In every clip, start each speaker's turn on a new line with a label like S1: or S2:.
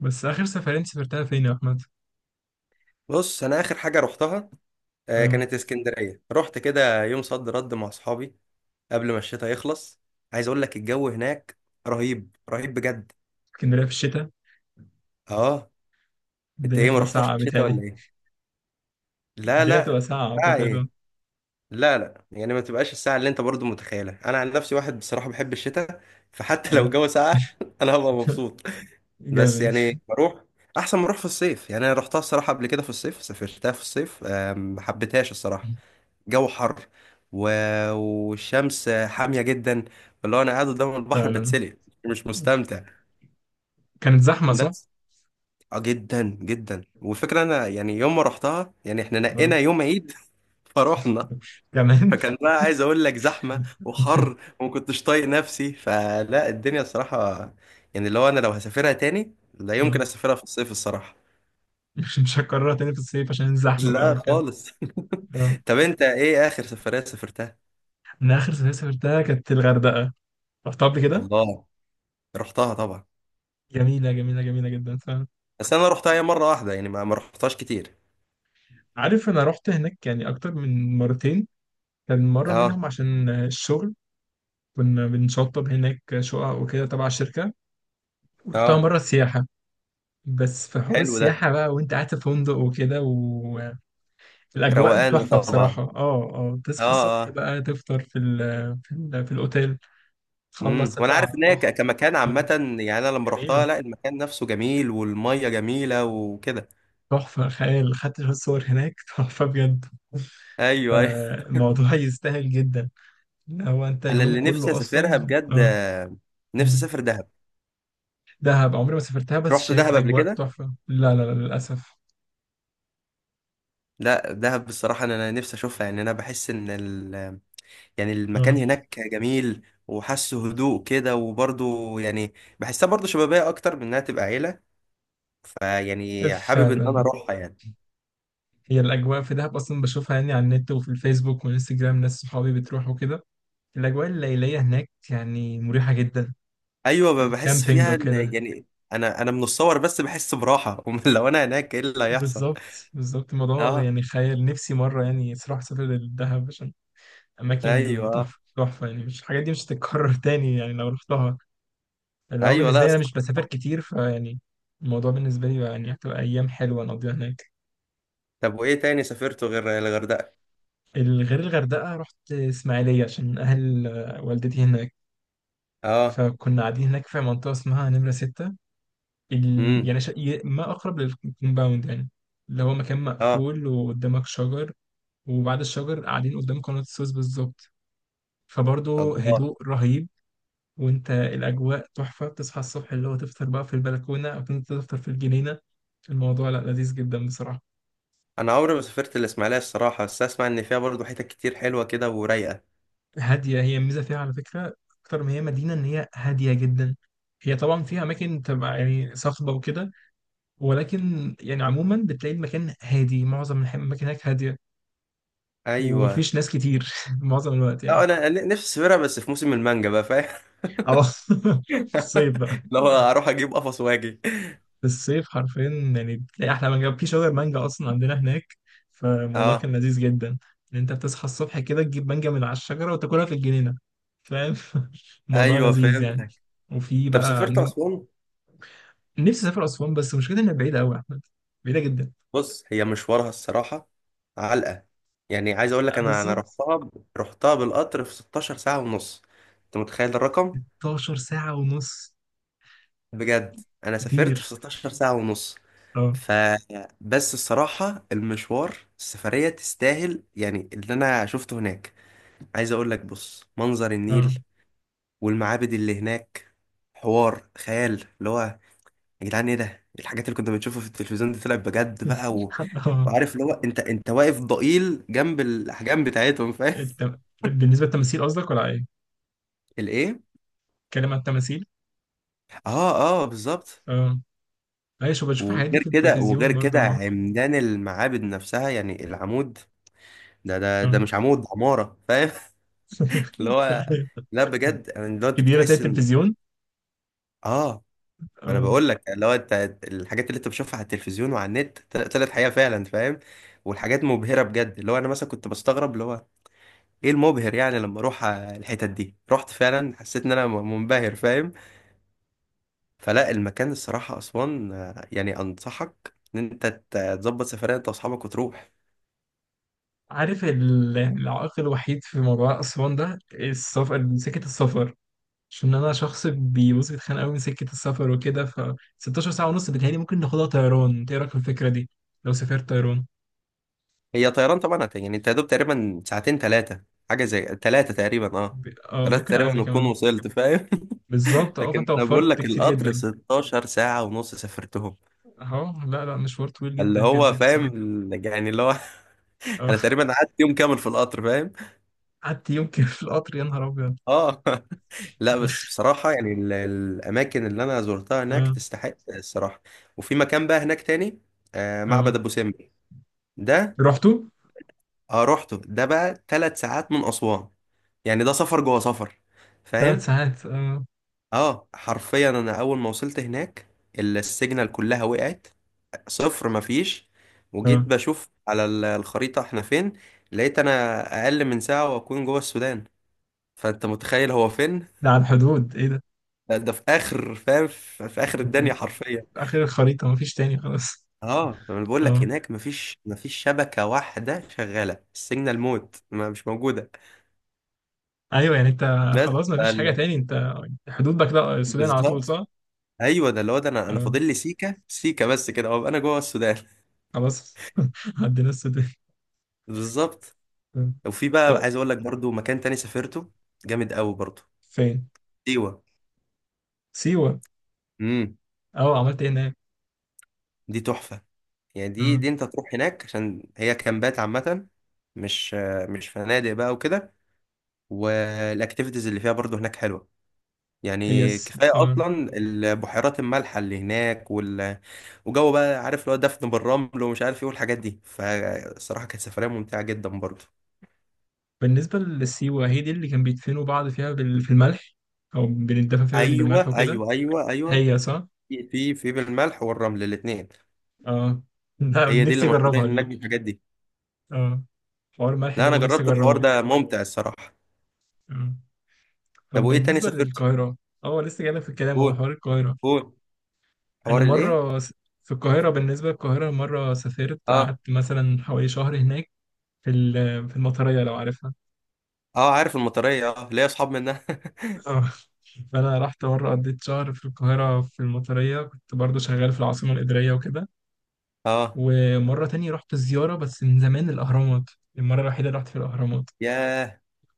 S1: بس آخر سفرين سافرتها فين يا أحمد؟
S2: بص انا اخر حاجه رحتها، آه،
S1: اه.
S2: كانت اسكندريه. رحت كده يوم صد رد مع اصحابي قبل ما الشتاء يخلص. عايز اقول لك الجو هناك رهيب رهيب بجد.
S1: اسكندرية في الشتاء،
S2: اه، انت
S1: الدنيا
S2: ايه، ما
S1: تبقى
S2: رحتش
S1: ساقعة
S2: الشتاء
S1: بتهيألي.
S2: ولا ايه؟ لا
S1: الدنيا تبقى
S2: لا.
S1: ساقعة
S2: ساعه
S1: أعتقد، اه.
S2: ايه؟ لا لا، يعني ما تبقاش الساعه اللي انت برضو متخيلها. انا عن نفسي واحد بصراحه بحب الشتاء، فحتى لو
S1: آه.
S2: الجو ساقع انا هبقى مبسوط. بس
S1: جامد.
S2: يعني بروح احسن ما اروح في الصيف. يعني انا رحتها الصراحه قبل كده في الصيف، سافرتها في الصيف آه، ما حبيتهاش الصراحه. جو حر، و... والشمس حامية جدا، اللي هو انا قاعد قدام البحر
S1: فعلا،
S2: بتسلق مش مستمتع.
S1: كانت زحمة صح؟
S2: بس. اه، جدا جدا. والفكرة انا يعني يوم ما رحتها، يعني احنا
S1: اه.
S2: نقينا يوم عيد فروحنا.
S1: كمان.
S2: فكان بقى عايز اقول لك زحمة وحر وما كنتش طايق نفسي، فلا الدنيا الصراحة. يعني اللي هو انا لو هسافرها تاني لا
S1: آه.
S2: يمكن اسافرها في الصيف الصراحة.
S1: مش هكررها تاني في الصيف عشان الزحمة بقى
S2: لا
S1: وكده.
S2: خالص.
S1: اه.
S2: طب انت ايه اخر سفرية سافرتها؟
S1: أنا آخر سفرية سافرتها كانت الغردقة. رحتها قبل كده؟
S2: الله، رحتها طبعا.
S1: جميلة جميلة جميلة جدا فعلا.
S2: بس انا رحتها هي مره واحده، يعني ما رحتهاش كتير.
S1: عارف، أنا رحت هناك يعني أكتر من مرتين، كان مرة
S2: اه
S1: منهم عشان الشغل، كنا بنشطب هناك شقق وكده تبع الشركة. رحتها
S2: اه.
S1: مرة سياحة، بس في حوار
S2: حلو ده،
S1: السياحة بقى وانت قاعد في فندق وكده والأجواء
S2: روقان ده
S1: تحفة
S2: طبعا.
S1: بصراحة. اه، اه، تصحى
S2: اه
S1: الصبح
S2: اه،
S1: بقى تفطر في الأوتيل،
S2: امم.
S1: تخلص
S2: وانا
S1: تطلع
S2: عارف
S1: على
S2: ان هي ك-
S1: البحر.
S2: كمكان عامه.
S1: اه.
S2: يعني انا لما رحتها
S1: جميلة.
S2: لا، المكان نفسه جميل، والميه جميله وكده.
S1: تحفة خيال، خدت شوية صور هناك تحفة بجد.
S2: ايوه ايوه.
S1: فالموضوع يستاهل جدا، ان هو انت
S2: انا
S1: اليوم
S2: اللي نفسي
S1: كله اصلا.
S2: اسافرها بجد.
S1: اه.
S2: آه، نفسي
S1: مم.
S2: اسافر دهب.
S1: دهب عمري ما سافرتها بس
S2: رحت
S1: شايف
S2: دهب قبل
S1: اجواء
S2: كده؟
S1: تحفه، لا لا لا للاسف.
S2: لا، دهب بصراحه انا نفسي اشوفها. يعني انا بحس ان ال، يعني المكان
S1: اه.
S2: هناك جميل. وحاسه هدوء كده وبرضه، يعني بحسها برضه شبابيه اكتر من انها تبقى عيله. فيعني حابب ان انا
S1: فعلا.
S2: اروحها يعني.
S1: هي الأجواء في دهب أصلا بشوفها يعني على النت وفي الفيسبوك والإنستجرام، ناس صحابي بتروح وكده. الأجواء الليلية هناك يعني مريحة جدا.
S2: ايوه، بحس
S1: الكامبينج
S2: فيها ان
S1: وكده.
S2: يعني انا من الصور بس بحس براحه. أمال لو انا هناك ايه اللي هيحصل.
S1: بالظبط بالظبط، الموضوع
S2: اه.
S1: يعني خيال. نفسي مرة يعني صراحة أسافر للدهب عشان
S2: ايوه،
S1: أماكن
S2: آه.
S1: تحفة تحفة، يعني مش الحاجات دي مش هتتكرر تاني يعني لو رحتها. اللي هو
S2: ايوه،
S1: بالنسبة
S2: لا
S1: لي أنا
S2: صح.
S1: مش بسافر كتير فيعني الموضوع بالنسبة لي يعني هتبقى أيام حلوة نقضيها هناك.
S2: طب وايه تاني سافرته غير الغردقه؟
S1: غير الغردقة رحت إسماعيلية عشان أهل والدتي هناك،
S2: اه،
S1: فكنا قاعدين هناك في منطقة اسمها نمرة ستة. ال...
S2: امم،
S1: يعني شا... ي- ما أقرب للكومباوند يعني، اللي هو مكان
S2: اه،
S1: مقفول وقدامك شجر. وبعد الشجر قاعدين قدام قناة السويس بالظبط، فبرضه
S2: الله.
S1: هدوء رهيب. وانت الأجواء تحفة، تصحى الصبح اللي هو تفطر بقى في البلكونة أو كنت تفطر في الجنينة. الموضوع لا، لذيذ جدا بصراحة.
S2: انا عمري ما سافرت الاسماعيليه الصراحه، بس اسمع ان فيها برضه حتت كتير حلوه كده ورايقه.
S1: هادية، هي الميزة فيها على فكرة أكتر ما هي مدينة، إن هي هادية جدا. هي طبعا فيها أماكن تبقى يعني صخبة وكده، ولكن يعني عموما بتلاقي المكان هادي، معظم الأماكن هناك هادية،
S2: ايوه،
S1: ومفيش ناس كتير معظم الوقت يعني.
S2: لا انا نفسي اسافرها بس في موسم المانجا بقى، فاهم؟
S1: اه. في الصيف بقى،
S2: لو اروح اجيب قفص واجي.
S1: في الصيف حرفيا. يعني بتلاقي أحلى مانجا في شجر مانجا أصلا عندنا هناك، فالموضوع كان
S2: اه،
S1: لذيذ جدا. إن أنت بتصحى الصبح كده تجيب مانجا من على الشجرة وتاكلها في الجنينة، فاهم. الموضوع
S2: ايوه
S1: لذيذ يعني.
S2: فهمتك.
S1: وفي
S2: طب
S1: بقى
S2: سافرت
S1: عاملين.
S2: اسوان؟
S1: نفسي أسافر أسوان بس مشكلة إنها بعيدة أوي يا أحمد، بعيدة جدا.
S2: بص هي مشوارها الصراحة علقة. يعني عايز اقول لك انا انا
S1: بالظبط،
S2: رحتها ب- رحتها بالقطر في 16 ساعة ونص. انت متخيل الرقم؟
S1: 16 ساعة ونص،
S2: بجد انا سافرت
S1: كتير.
S2: في 16 ساعة ونص.
S1: اه.
S2: ف، بس الصراحة المشوار السفرية تستاهل، يعني اللي انا شفته هناك. عايز اقول لك بص، منظر
S1: اه.
S2: النيل والمعابد اللي هناك، حوار خيال. اللي هو يا جدعان ايه ده، إيه الحاجات اللي كنا بنشوفها في التلفزيون دي، طلعت بجد بقى. و...
S1: اه.
S2: وعارف اللي هو انت، انت واقف ضئيل جنب الاحجام بتاعتهم فاهم.
S1: بالنسبة للتماثيل قصدك ولا ايه؟
S2: الايه؟
S1: اتكلم عن التماثيل؟
S2: اه اه بالظبط.
S1: اه. ايوه، شو بشوف الحاجات دي
S2: وغير
S1: في
S2: كده وغير
S1: التلفزيون
S2: كده،
S1: برضه.
S2: عمدان المعابد نفسها، يعني العمود ده، ده
S1: اه.
S2: ده
S1: آه.
S2: مش عمود، ده عمارة فاهم. اللي هو، لا بجد يعني اللي هو انت
S1: كبيرة زي
S2: بتحس ان
S1: التلفزيون.
S2: اه. ما انا
S1: اه.
S2: بقول لك اللي هو انت، الحاجات اللي انت بتشوفها على التلفزيون وعلى النت طلعت حقيقة فعلا فاهم. والحاجات مبهرة بجد، اللي هو انا مثلا كنت بستغرب اللي هو ايه المبهر، يعني لما اروح آه، الحتت دي رحت فعلا حسيت ان انا منبهر فاهم. فلا المكان الصراحة اسوان آه، يعني انصحك ان انت تظبط سفرية انت واصحابك وتروح.
S1: عارف العائق الوحيد في موضوع أسوان ده السفر، سكة السفر، عشان أنا شخص بيبص بيتخانق أوي من سكة السفر وكده. ف 16 ساعة ونص بتهيألي ممكن ناخدها طيران، إنت إيه رأيك في الفكرة دي؟ لو سافرت طيران.
S2: هي طيران طبعا يعني انت يا دوب تقريبا ساعتين ثلاثة. حاجة زي ثلاثة تقريبا، اه. ثلاثة
S1: ممكن أقل
S2: تقريبا وتكون
S1: كمان.
S2: وصلت فاهم.
S1: بالظبط، اه،
S2: لكن
S1: فأنت
S2: انا بقول
S1: وفرت
S2: لك
S1: كتير
S2: القطر
S1: جدا.
S2: 16 ساعة ونص سافرتهم.
S1: اهو. لا لا، مشوار طويل
S2: اللي
S1: جدا
S2: هو
S1: جدا
S2: فاهم،
S1: بصراحة.
S2: يعني اللي هو.
S1: اه.
S2: انا تقريبا قعدت يوم كامل في القطر فاهم.
S1: قعدت يوم كده في القطر، يا نهار ابيض.
S2: اه. لا بس بصراحة، يعني الأماكن اللي أنا زرتها هناك
S1: اه.
S2: تستحق الصراحة. وفي مكان بقى هناك تاني، آه
S1: اه.
S2: معبد أبو سمبل ده.
S1: رحتوا.
S2: اه رحته، ده بقى ثلاث ساعات من أسوان، يعني ده سفر جوه سفر
S1: ثلاث
S2: فاهم؟
S1: ساعات اه.
S2: اه حرفيا أنا أول ما وصلت هناك، السيجنال كلها وقعت، صفر مفيش. وجيت
S1: اه.
S2: بشوف على الخريطة احنا فين. لقيت أنا أقل من ساعة وأكون جوه السودان. فأنت متخيل هو فين؟
S1: ده على الحدود، ايه ده؟
S2: ده في آخر فاهم، في آخر الدنيا
S1: ده
S2: حرفيا.
S1: اخر الخريطة، مفيش تاني خلاص.
S2: اه انا بقول لك
S1: اه.
S2: هناك مفيش شبكه واحده شغاله، السيجنال موت، ما مش موجوده.
S1: ايوه يعني انت.
S2: بس.
S1: خلاص مفيش حاجة
S2: فال-
S1: تاني انت. حدود بقى كده السودان على طول
S2: بالظبط.
S1: صح؟
S2: ايوه ده اللي هو، ده انا
S1: اه.
S2: فاضل لي سيكه سيكه بس كده وابقى انا جوه السودان.
S1: خلاص. عدينا السودان.
S2: بالظبط.
S1: آه.
S2: وفي بقى
S1: آه.
S2: عايز اقول لك برضو مكان تاني سافرته جامد قوي برضو،
S1: فين؟
S2: سيوه.
S1: سيوة.
S2: امم.
S1: اه، عملت ايه هناك؟
S2: دي تحفه. يعني دي
S1: اه.
S2: دي انت تروح هناك عشان هي كامبات عامه، مش مش فنادق بقى وكده. والاكتيفيتيز اللي فيها برضو هناك حلوه.
S1: هي
S2: يعني كفاية
S1: اه.
S2: أصلا البحيرات المالحة اللي هناك، وال... وجو بقى، عارف اللي هو دفن بالرمل ومش عارف إيه والحاجات دي. فالصراحة كانت سفرية ممتعة جدا برضه.
S1: بالنسبة للسيوة، هي دي اللي كان بيدفنوا بعض فيها في الملح، أو بنتدفن فيها بالملح
S2: أيوه
S1: وكده.
S2: أيوه أيوه أيوه.
S1: هي صح؟
S2: في في بالملح والرمل الاتنين.
S1: اه. ده
S2: هي دي اللي
S1: نفسي
S2: مشهورين
S1: أجربها
S2: هناك
S1: دي.
S2: بالحاجات دي.
S1: اه. حوار الملح
S2: لا
S1: ده
S2: أنا
S1: اللي نفسي
S2: جربت الحوار
S1: أجربه.
S2: ده ممتع الصراحة.
S1: آه.
S2: طب
S1: طب
S2: وإيه تاني
S1: بالنسبة
S2: سافرت؟
S1: للقاهرة. اه، لسه جايلك في الكلام، هو
S2: قول
S1: حوار القاهرة.
S2: قول.
S1: أنا
S2: حوار الإيه؟
S1: مرة في القاهرة، بالنسبة للقاهرة مرة سافرت
S2: أه،
S1: قعدت مثلا حوالي شهر هناك في في المطرية لو عارفها.
S2: أه عارف المطرية، أه ليا أصحاب منها.
S1: اه. فأنا رحت مرة قضيت شهر في القاهرة في المطرية، كنت برضو شغال في العاصمة الإدارية وكده.
S2: أه.
S1: ومرة تانية رحت الزيارة بس من زمان الأهرامات، المرة الوحيدة اللي رحت في الأهرامات.
S2: ياه،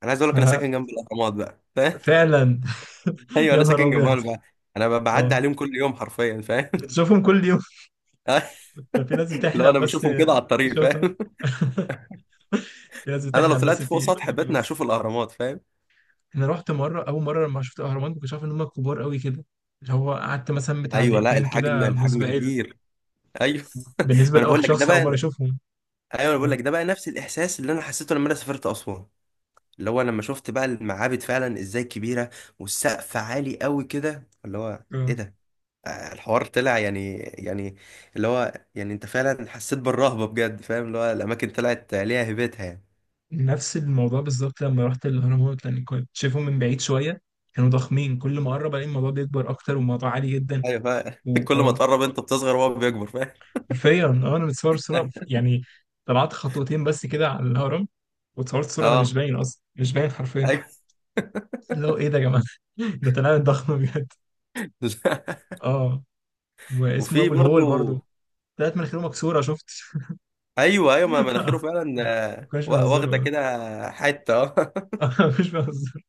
S2: أنا عايز أقول لك أنا ساكن جنب الأهرامات بقى.
S1: ففعلا.
S2: ايوه
S1: يا
S2: انا
S1: نهار
S2: ساكن جنبهم،
S1: أبيض.
S2: انا بعدي
S1: اه،
S2: عليهم كل يوم حرفيا فاهم.
S1: بتشوفهم كل يوم. ده في ناس
S2: لو
S1: بتحلم
S2: انا
S1: بس
S2: بشوفهم كده على الطريق
S1: تشوفها،
S2: فاهم.
S1: في ناس
S2: انا لو
S1: بتحلم بس
S2: طلعت فوق
S1: تيجي.
S2: سطح بيتنا
S1: بس
S2: هشوف الاهرامات فاهم.
S1: أنا رحت مرة، أول مرة لما شفت الأهرامات ما كنتش عارف إن هم كبار قوي كده، اللي هو قعدت مثلا بتاع
S2: ايوه لا،
S1: دقيقتين
S2: الحجم،
S1: كده
S2: الحجم
S1: مسبهل.
S2: كبير. ايوه. ما
S1: بالنسبة
S2: انا بقول
S1: لأول
S2: لك ده
S1: شخص أول مرة
S2: بقى.
S1: أشوفهم.
S2: ايوه انا بقول
S1: اه.
S2: لك ده بقى نفس الاحساس اللي انا حسيته لما انا سافرت اسوان. اللي هو لما شفت بقى المعابد فعلا ازاي كبيره، والسقف عالي قوي كده، اللي هو ايه
S1: اه.
S2: ده آه، الحوار طلع يعني يعني، اللي هو يعني انت فعلا حسيت بالرهبه بجد فاهم. اللي هو الاماكن طلعت ليها هيبتها يعني.
S1: نفس الموضوع بالظبط لما رحت الهرمونات، لان كنت شايفهم من بعيد شويه، كانوا ضخمين، كل ما اقرب الاقي الموضوع بيكبر اكتر والموضوع عالي جدا.
S2: ايوه فاهم. كل ما
S1: واه،
S2: تقرب انت بتصغر وهو بيكبر فاهم.
S1: حرفيا. اه، انا متصور صوره يعني، طلعت خطوتين بس كده على الهرم، واتصورت صوره انا مش
S2: اه
S1: باين اصلا، مش باين حرفيا.
S2: ايوه.
S1: لو ايه ده يا جماعه. ده طلعت ضخم بجد. اه. واسمه
S2: وفي
S1: ابو الهول
S2: برضو.
S1: برضو، طلعت مناخيره مكسوره شفت.
S2: ايوه ايوه، ما مناخيره
S1: آه،
S2: فعلا
S1: ما
S2: آه،
S1: كانوش
S2: واخده
S1: بيهزروا.
S2: كده حته اه.
S1: آه، مش بهزر.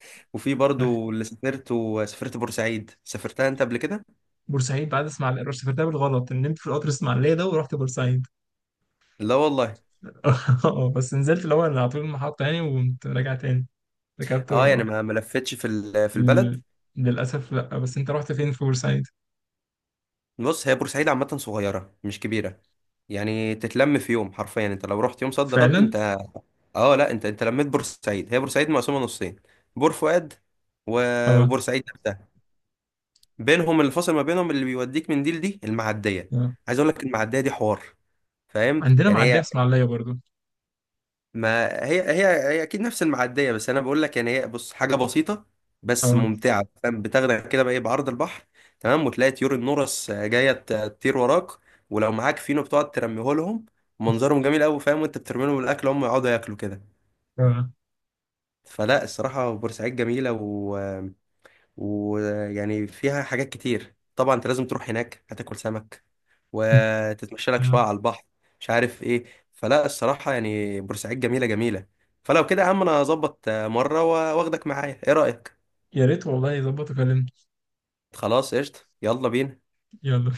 S2: وفي برضو اللي سافرت، وسافرت بورسعيد، سافرتها انت قبل كده؟
S1: بورسعيد بعد اسماعيليه رحت، سافرتها بالغلط، نمت في القطر اسماعيليه ده ورحت بورسعيد.
S2: لا والله.
S1: اه، بس نزلت الأول أنا على طول المحطة يعني وقمت راجع تاني، ركبت
S2: اه، يعني
S1: وروحت.
S2: ما لفتش في في البلد.
S1: ال- للأسف لأ، بس أنت رحت فين في بورسعيد؟
S2: بص هي بورسعيد عامه صغيره مش كبيره، يعني تتلم في يوم حرفيا. انت لو رحت يوم صد رد
S1: فعلا؟
S2: انت. اه لا انت، انت لميت بورسعيد. هي بورسعيد مقسومه نصين، بور فؤاد و-
S1: اه.
S2: وبورسعيد بينهم الفاصل ما بينهم اللي بيوديك من دي لدي المعديه.
S1: اه.
S2: عايز اقول لك المعديه دي حوار فاهم،
S1: عندنا
S2: يعني
S1: معدية
S2: هي.
S1: في إسماعيلية برضو.
S2: ما هي هي اكيد نفس المعديه، بس انا بقول لك يعني هي بص حاجه بسيطه بس
S1: اه.
S2: ممتعه فاهم. بتاخدك كده بقى ايه بعرض البحر تمام. وتلاقي طيور النورس جايه تطير وراك، ولو معاك فينو بتقعد ترميه لهم، منظرهم جميل قوي فاهم. وانت بترمي لهم الاكل هم يقعدوا ياكلوا كده.
S1: اه.
S2: فلا الصراحه بورسعيد جميله، و... ويعني فيها حاجات كتير طبعا. انت لازم تروح هناك، هتاكل سمك وتتمشى لك شويه
S1: آه.
S2: على البحر، مش عارف ايه. فلا الصراحه يعني بورسعيد جميله جميله. فلو كده يا عم انا هظبط آه، مره واخدك معايا، ايه رايك؟
S1: يا ريت والله يظبط وكلمني.
S2: خلاص قشطه يلا بينا.
S1: يلا.